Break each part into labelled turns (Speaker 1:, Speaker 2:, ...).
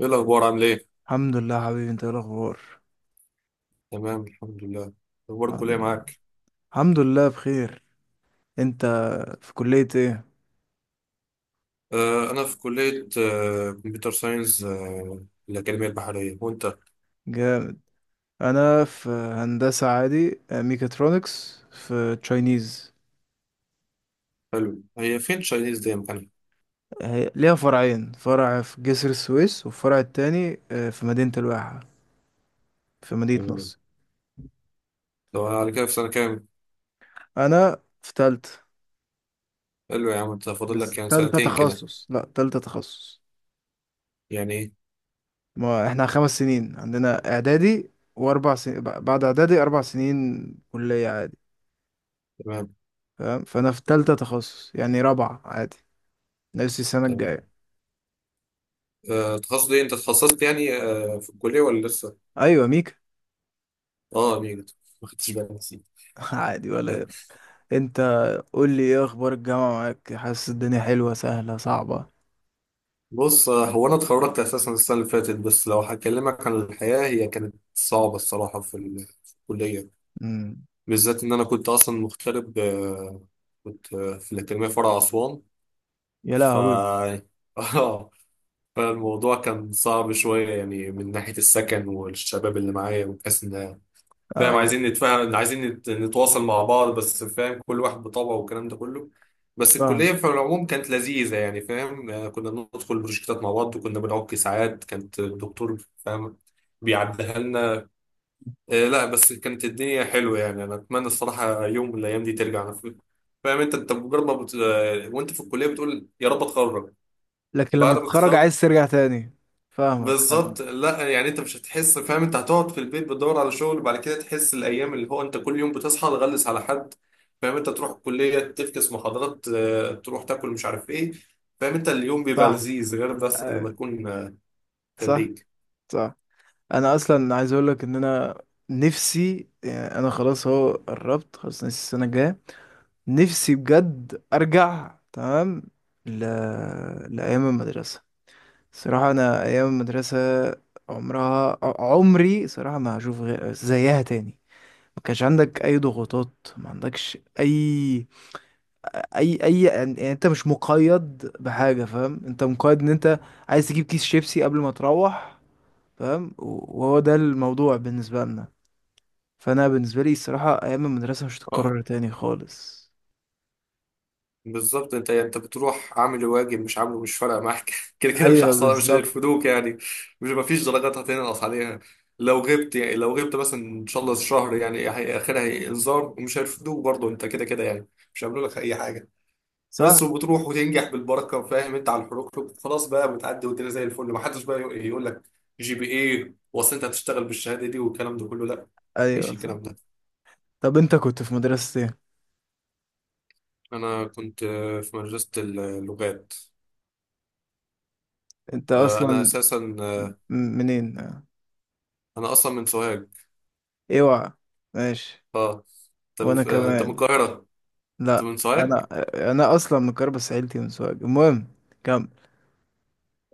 Speaker 1: ايه الاخبار؟ عامل ايه؟
Speaker 2: الحمد لله حبيبي، انت ايه الاخبار؟
Speaker 1: تمام الحمد لله. اخبار
Speaker 2: الحمد
Speaker 1: الكليه
Speaker 2: لله.
Speaker 1: معاك؟
Speaker 2: الحمد لله بخير. انت في كلية ايه؟
Speaker 1: آه انا في كليه كمبيوتر ساينس، الاكاديميه البحريه. وانت؟
Speaker 2: جامد. انا في هندسة عادي ميكاترونكس في تشاينيز.
Speaker 1: حلو. هي فين تشاينيز دي؟ مكانها؟
Speaker 2: ليها فرعين، فرع في جسر السويس والفرع التاني في مدينة الواحة، في مدينة
Speaker 1: تمام.
Speaker 2: نصر.
Speaker 1: طب على كده في سنه كام؟
Speaker 2: انا في تالتة.
Speaker 1: حلو يا عم. انت فاضل
Speaker 2: بس
Speaker 1: لك يعني
Speaker 2: تالتة
Speaker 1: سنتين كده.
Speaker 2: تخصص، لا تالتة تخصص.
Speaker 1: يعني ايه؟
Speaker 2: ما احنا خمس سنين عندنا اعدادي، واربع سنين بعد اعدادي، اربع سنين كلية عادي.
Speaker 1: تمام
Speaker 2: فاهم، فانا في تالتة تخصص يعني رابعة عادي، نفس السنة
Speaker 1: تمام.
Speaker 2: الجاية.
Speaker 1: آه تخصص ايه؟ انت اتخصصت يعني في الكليه ولا لسه؟
Speaker 2: ايوه ميكا.
Speaker 1: اه اميجا. ما خدتش بالي، نسيت.
Speaker 2: عادي ولا
Speaker 1: آه،
Speaker 2: إيه؟ انت، قول لي ايه اخبار الجامعة معاك؟ حاسس الدنيا حلوة، سهلة، صعبة؟
Speaker 1: بص، هو انا اتخرجت اساسا السنه اللي فاتت، بس لو هكلمك عن الحياه هي كانت صعبه الصراحه في الكليه،
Speaker 2: امم
Speaker 1: بالذات إن أنا كنت أصلا مغترب. كنت في الأكاديمية فرع أسوان.
Speaker 2: يا
Speaker 1: ف
Speaker 2: لهوي.
Speaker 1: آه، فالموضوع كان صعب شوية، يعني من ناحية السكن والشباب اللي معايا، وبحيث إن فاهم،
Speaker 2: آه.
Speaker 1: عايزين نتفاهم، عايزين نتواصل مع بعض، بس فاهم كل واحد بطبعه والكلام ده كله. بس
Speaker 2: فاهم.
Speaker 1: الكلية في العموم كانت لذيذة، يعني فاهم، كنا بندخل بروجكتات مع بعض، وكنا بنعك ساعات، كانت الدكتور فاهم بيعديها لنا. لا بس كانت الدنيا حلوة، يعني أنا أتمنى الصراحة يوم من الأيام دي ترجع. أنا فاهم أنت، مجرد ما بت... آه، وأنت في الكلية بتقول يا رب أتخرج،
Speaker 2: لكن لما
Speaker 1: بعد ما
Speaker 2: تتخرج
Speaker 1: تتخرج
Speaker 2: عايز ترجع تاني. فاهمك
Speaker 1: بالظبط.
Speaker 2: أنا-
Speaker 1: لا يعني أنت مش هتحس، فاهم أنت هتقعد في البيت، بتدور على شغل، وبعد كده تحس الأيام اللي هو أنت كل يوم بتصحى تغلس على حد، فاهم أنت تروح الكلية، تفكس محاضرات، تروح تاكل، مش عارف إيه. فاهم أنت اليوم بيبقى
Speaker 2: صح.
Speaker 1: لذيذ، غير بس
Speaker 2: آه،
Speaker 1: لما تكون
Speaker 2: صح.
Speaker 1: خريج.
Speaker 2: صح. انا اصلا عايز اقول لك ان انا نفسي، يعني انا خلاص اهو قربت خلاص، نفسي السنة الجاية نفسي بجد ارجع تمام ل... لأيام المدرسة. صراحة أنا أيام المدرسة عمرها، عمري صراحة ما هشوف غير زيها تاني. ما كانش عندك أي ضغوطات، ما عندكش أي أي، يعني يعني أنت مش مقيد بحاجة. فاهم؟ أنت مقيد إن أنت عايز تجيب كيس شيبسي قبل ما تروح. فاهم؟ وهو ده الموضوع بالنسبة لنا. فأنا بالنسبة لي الصراحة أيام المدرسة مش هتتكرر تاني خالص.
Speaker 1: بالظبط. انت يعني انت بتروح عامل الواجب، مش عامله، مش فارقه معاك كده كده مش
Speaker 2: أيوه
Speaker 1: هيحصل، مش
Speaker 2: بالظبط.
Speaker 1: هيرفدوك يعني. مش مفيش درجات هتنقص عليها. لو غبت يعني، لو غبت مثلا ان شاء الله شهر يعني، اخرها هي انذار، ومش هيرفدوك برضه انت كده كده يعني. مش هيعملوا لك اي حاجه.
Speaker 2: صح.
Speaker 1: بس وبتروح وتنجح بالبركه، فاهم انت على الحروق خلاص بقى، بتعدي والدنيا زي الفل. ما حدش بقى يقول لك جي بي ايه واصل، انت هتشتغل بالشهاده دي والكلام ده كله؟ لا. مفيش
Speaker 2: أيوه صح.
Speaker 1: الكلام ده.
Speaker 2: طب أنت كنت في مدرسة إيه؟
Speaker 1: انا كنت في مدرسه اللغات.
Speaker 2: أنت
Speaker 1: انا
Speaker 2: أصلا
Speaker 1: اساسا،
Speaker 2: منين؟
Speaker 1: انا اصلا من سوهاج.
Speaker 2: اوعى. ماشي.
Speaker 1: اه. انت
Speaker 2: وانا
Speaker 1: من انت من
Speaker 2: كمان.
Speaker 1: القاهره؟ انت
Speaker 2: لا،
Speaker 1: من سوهاج.
Speaker 2: انا انا اصلا من كربس، عيلتي من سوهاج. المهم كمل.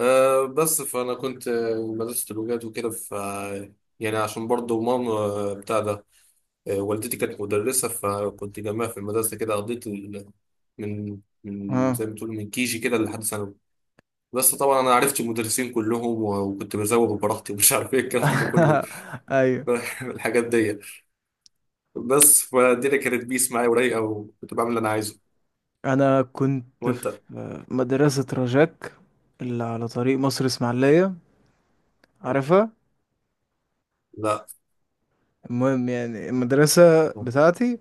Speaker 1: آه بس فانا كنت مدرسه اللغات وكده، ف يعني عشان برضو ماما بتاع ده، والدتي كانت مدرسه، فكنت جنبها في المدرسه كده. قضيت ال... من، من
Speaker 2: ها.
Speaker 1: زي ما تقول من كيجي كده لحد ثانوي. بس طبعا انا عرفت المدرسين كلهم، وكنت بزوغ براحتي، ومش عارف ايه الكلام ده كله،
Speaker 2: ايوه،
Speaker 1: الحاجات دي. بس فالدنيا كانت بيس معايا ورايقه، وكنت بعمل اللي انا عايزه.
Speaker 2: انا كنت في
Speaker 1: وانت؟
Speaker 2: مدرسة رجاك اللي على طريق مصر اسماعيلية، عارفها؟
Speaker 1: لا
Speaker 2: المهم يعني المدرسة بتاعتي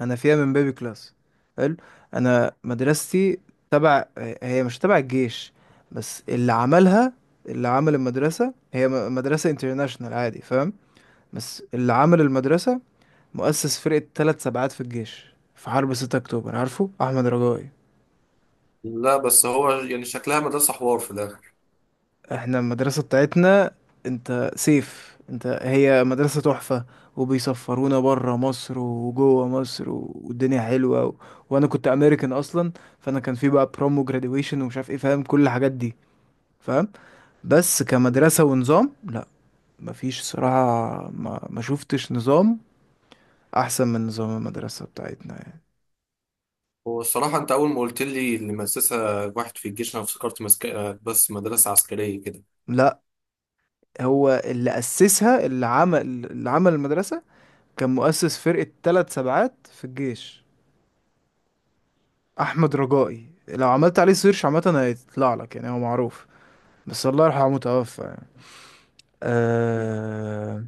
Speaker 2: انا فيها من بيبي كلاس. حلو. انا مدرستي تبع، هي مش تبع الجيش، بس اللي عملها، اللي عمل المدرسة، هي مدرسة انترناشونال عادي، فاهم؟ بس اللي عمل المدرسة مؤسس فرقة ثلاث سبعات في الجيش في حرب 6 أكتوبر، عارفه أحمد رجائي؟
Speaker 1: لا، بس هو يعني شكلها مدرسة حوار في الآخر.
Speaker 2: احنا المدرسة بتاعتنا، انت سيف انت، هي مدرسة تحفة. وبيسفرونا برا مصر وجوه مصر، والدنيا حلوة وانا كنت امريكان اصلا. فانا كان في بقى بروم وجراديويشن ومش عارف ايه، فاهم؟ كل الحاجات دي، فاهم؟ بس كمدرسة ونظام، لا، مفيش صراحة، ما شفتش نظام احسن من نظام المدرسة بتاعتنا يعني.
Speaker 1: هو الصراحة أنت أول ما قلت لي اللي مؤسسها واحد في الجيش، أنا افتكرت مسك... بس مدرسة عسكرية كده.
Speaker 2: لا، هو اللي أسسها، اللي عمل، اللي عمل المدرسة كان مؤسس فرقة ثلاث سبعات في الجيش، أحمد رجائي. لو عملت عليه سيرش عامة هيطلع لك، يعني هو معروف، بس الله يرحمه، متوفى يعني.
Speaker 1: مم.
Speaker 2: أه.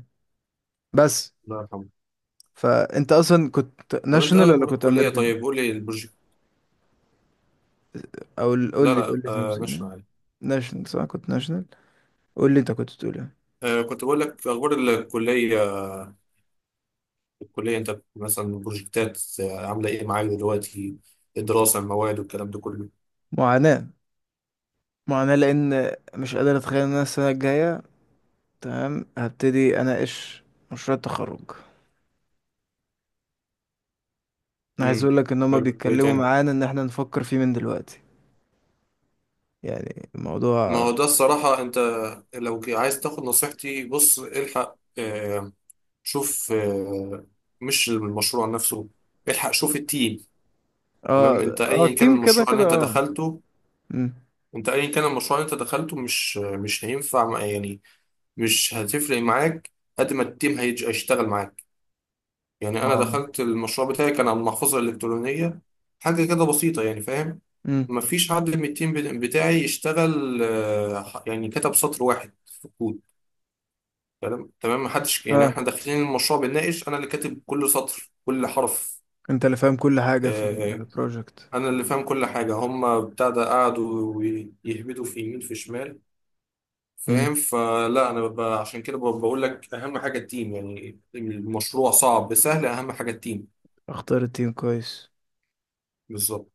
Speaker 2: بس.
Speaker 1: الله يرحمه.
Speaker 2: فأنت أصلا كنت
Speaker 1: طب أنت
Speaker 2: ناشونال ولا
Speaker 1: أخبار
Speaker 2: كنت
Speaker 1: الكلية؟
Speaker 2: أمريكان؟
Speaker 1: طيب قول لي البروجكت.
Speaker 2: قول
Speaker 1: لا
Speaker 2: لي، قول
Speaker 1: لا
Speaker 2: لي أنت
Speaker 1: آه
Speaker 2: بتقول إيه؟
Speaker 1: نشرح عليه.
Speaker 2: ناشونال، صح كنت ناشونال. قول لي أنت كنت بتقول إيه؟
Speaker 1: آه كنت بقول لك أخبار الكلية. الكلية أنت مثلا البروجكتات عاملة إيه معاك دلوقتي؟ الدراسة، المواد، والكلام ده كله.
Speaker 2: معاناة. معاناة، لأن مش قادر أتخيل إن أنا السنة الجاية تمام هبتدي أناقش مشروع التخرج. انا عايز
Speaker 1: امم.
Speaker 2: اقول لك ان هما
Speaker 1: حلو وإيه
Speaker 2: بيتكلموا
Speaker 1: تاني؟
Speaker 2: معانا ان احنا نفكر فيه من دلوقتي. يعني
Speaker 1: ما
Speaker 2: الموضوع.
Speaker 1: هو ده الصراحة أنت، لو عايز تاخد نصيحتي، بص الحق، شوف، مش المشروع نفسه، الحق شوف التيم.
Speaker 2: اه.
Speaker 1: تمام. انت
Speaker 2: اه
Speaker 1: ايا كان
Speaker 2: التيم كده
Speaker 1: المشروع
Speaker 2: كده
Speaker 1: اللي انت
Speaker 2: اه.
Speaker 1: دخلته،
Speaker 2: امم
Speaker 1: انت ايا كان المشروع اللي انت دخلته مش هينفع يعني مش هتفرق معاك قد ما التيم هيشتغل معاك. يعني انا
Speaker 2: اه.
Speaker 1: دخلت المشروع بتاعي، كان على المحفظة الإلكترونية، حاجة كده بسيطة يعني، فاهم.
Speaker 2: امم
Speaker 1: مفيش حد من التيم بتاعي يشتغل، يعني كتب سطر واحد في الكود. تمام تمام. محدش يعني،
Speaker 2: اه،
Speaker 1: احنا داخلين المشروع بنناقش، انا اللي كاتب كل سطر، كل حرف.
Speaker 2: انت اللي فاهم كل حاجة في
Speaker 1: آه،
Speaker 2: البروجكت.
Speaker 1: انا اللي فاهم كل حاجه، هم بتاع ده قعدوا ويهبدوا في يمين في شمال،
Speaker 2: امم
Speaker 1: فاهم. فلا انا ببقى عشان كده ببقى بقول لك اهم حاجه التيم، يعني المشروع صعب سهل، اهم حاجه التيم.
Speaker 2: اختار التيم كويس.
Speaker 1: بالظبط.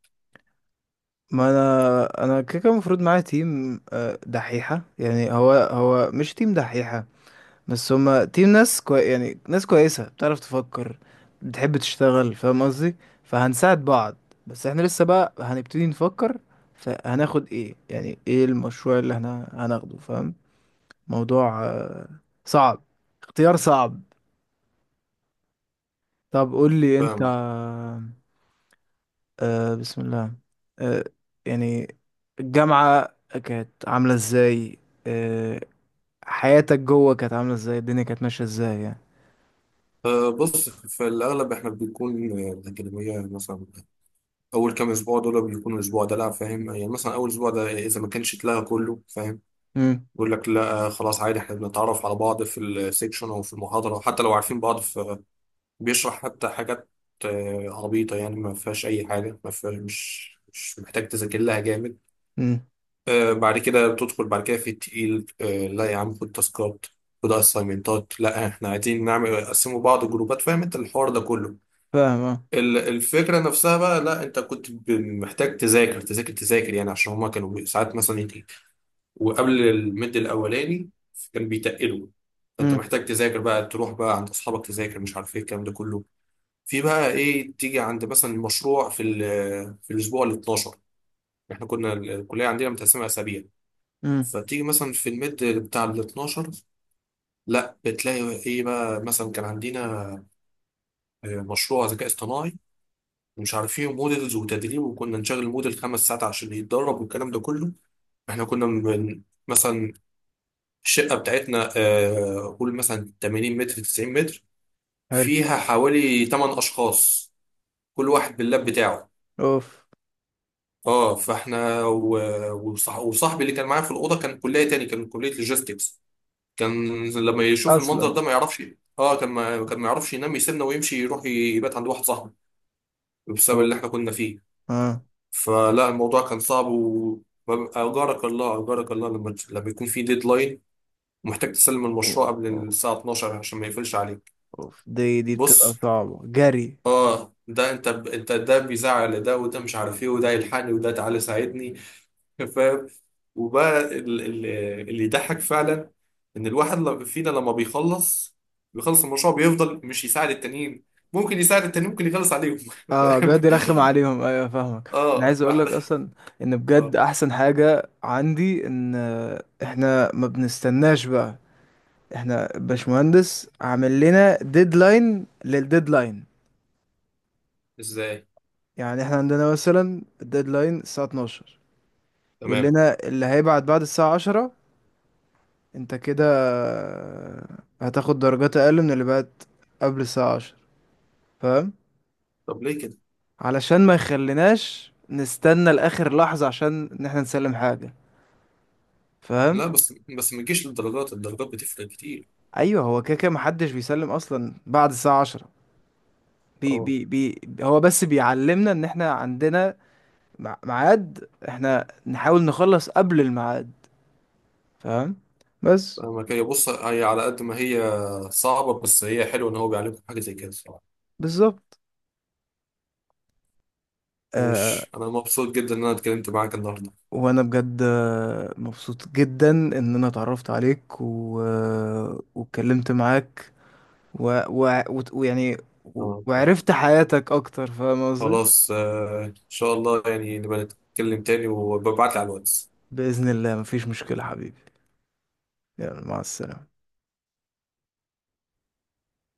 Speaker 2: ما انا كده كده المفروض معايا تيم دحيحة، يعني هو مش تيم دحيحة، بس هما تيم ناس يعني ناس كويسة، بتعرف تفكر، بتحب تشتغل. فاهم قصدي؟ فهنساعد بعض، بس احنا لسه بقى هنبتدي نفكر. فهناخد ايه، يعني ايه المشروع اللي احنا هناخده، فاهم؟ موضوع صعب، اختيار صعب. طب قول لي انت.
Speaker 1: فاهم.
Speaker 2: بسم الله. آه يعني الجامعة كانت عاملة ازاي؟ آه حياتك جوه كانت عاملة ازاي؟ الدنيا كانت ماشية ازاي يعني؟
Speaker 1: بص، في الاغلب احنا بيكون الاكاديميه مثلا اول كام اسبوع دول بيكون الاسبوع ده لا، فاهم يعني، مثلا اول اسبوع ده اذا ما كانش اتلغى كله، فاهم،
Speaker 2: امم
Speaker 1: يقول لك لا خلاص عادي، احنا بنتعرف على بعض في السيكشن او في المحاضره حتى لو عارفين بعض. بيشرح حتى حاجات عبيطة يعني، ما فيهاش أي حاجة، ما فيهاش، مش محتاج تذاكر لها جامد.
Speaker 2: امم
Speaker 1: بعد كده بتدخل بعد كده في التقيل، لا يا عم، خد تاسكات، خد اسايمنتات، لا احنا عايزين نعمل نقسموا بعض جروبات، فاهم انت الحوار ده كله.
Speaker 2: فاهم.
Speaker 1: الفكرة نفسها بقى، لا انت كنت محتاج تذاكر تذاكر تذاكر يعني، عشان هما كانوا ساعات مثلا يجي وقبل المد الأولاني كان بيتقلوا، فانت
Speaker 2: اه.
Speaker 1: محتاج تذاكر بقى، تروح بقى عند اصحابك تذاكر، مش عارف ايه الكلام ده كله. في بقى ايه، تيجي عند مثلا مشروع في الاسبوع ال 12، احنا كنا الكليه عندنا متقسمه اسابيع،
Speaker 2: امم
Speaker 1: فتيجي مثلا في الميد بتاع ال 12، لا بتلاقي ايه بقى. مثلا كان عندنا مشروع ذكاء اصطناعي، ومش عارفين موديلز وتدريب، وكنا نشغل موديل خمس ساعات عشان يتدرب والكلام ده كله. احنا كنا من مثلا الشقه بتاعتنا قول مثلا 80 متر 90 متر،
Speaker 2: حلو.
Speaker 1: فيها حوالي 8 اشخاص، كل واحد باللاب بتاعه.
Speaker 2: اوف.
Speaker 1: اه فاحنا وصاحبي اللي كان معايا في الاوضه كان كليه تاني، كان كليه لوجيستكس، كان لما يشوف المنظر
Speaker 2: اصلا.
Speaker 1: ده ما يعرفش اه كان ما يعرفش ينام، يسيبنا ويمشي يروح يبات عند واحد صاحبه بسبب
Speaker 2: اوف.
Speaker 1: اللي احنا كنا فيه.
Speaker 2: اه.
Speaker 1: فلا الموضوع كان صعب و اجارك الله اجارك الله لما لما يكون في ديدلاين ومحتاج تسلم المشروع
Speaker 2: أو-
Speaker 1: قبل
Speaker 2: أو-
Speaker 1: الساعه 12 عشان ما يقفلش عليك.
Speaker 2: اوف، دي بتبقى
Speaker 1: بص
Speaker 2: صعبة جري.
Speaker 1: اه ده انت انت ده بيزعل، ده وده مش عارف ايه، وده يلحقني، وده تعالى ساعدني، فاهم. وبقى اللي يضحك فعلا ان الواحد فينا لما بيخلص، بيخلص المشروع بيفضل مش يساعد التانيين، ممكن يساعد التانيين، ممكن يخلص عليهم
Speaker 2: اه بجد
Speaker 1: فاهم.
Speaker 2: رخم عليهم، ايوه فاهمك. انا
Speaker 1: اه
Speaker 2: عايز اقول لك
Speaker 1: فاحنا
Speaker 2: اصلا ان بجد
Speaker 1: اه.
Speaker 2: احسن حاجة عندي ان احنا ما بنستناش بقى. احنا باشمهندس عامل لنا ديدلاين للديدلاين،
Speaker 1: ازاي؟
Speaker 2: يعني احنا عندنا مثلا الديدلاين الساعة 12، يقول
Speaker 1: تمام.
Speaker 2: لنا اللي هيبعت بعد الساعة 10 انت كده هتاخد درجات اقل من اللي بقت قبل الساعة عشر، فاهم؟
Speaker 1: طب ليه كده؟
Speaker 2: علشان ما يخليناش نستنى لاخر لحظة عشان ان احنا نسلم حاجة، فاهم؟
Speaker 1: لا بس ما تجيش للدرجات، الدرجات بتفرق كتير.
Speaker 2: ايوه، هو كده كده محدش بيسلم اصلا بعد الساعة عشرة، بي
Speaker 1: اه
Speaker 2: بي بي هو بس بيعلمنا ان احنا عندنا ميعاد، احنا نحاول نخلص قبل الميعاد، فاهم؟ بس.
Speaker 1: فاهمك. هي بص هي على قد ما هي صعبة، بس هي حلوة ان هو بيعلمكم حاجة زي كده الصراحة.
Speaker 2: بالظبط. آه،
Speaker 1: ماشي، انا مبسوط جدا ان انا اتكلمت معاك النهاردة.
Speaker 2: وانا بجد مبسوط جدا ان انا اتعرفت عليك و... آه، واتكلمت معاك ويعني
Speaker 1: اه
Speaker 2: وعرفت حياتك اكتر، فاهم قصدي؟
Speaker 1: خلاص ان شاء الله يعني نبقى نتكلم تاني، وببعت لي على الواتس.
Speaker 2: بإذن الله مفيش مشكلة حبيبي. يلا مع السلامة.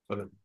Speaker 1: سلام.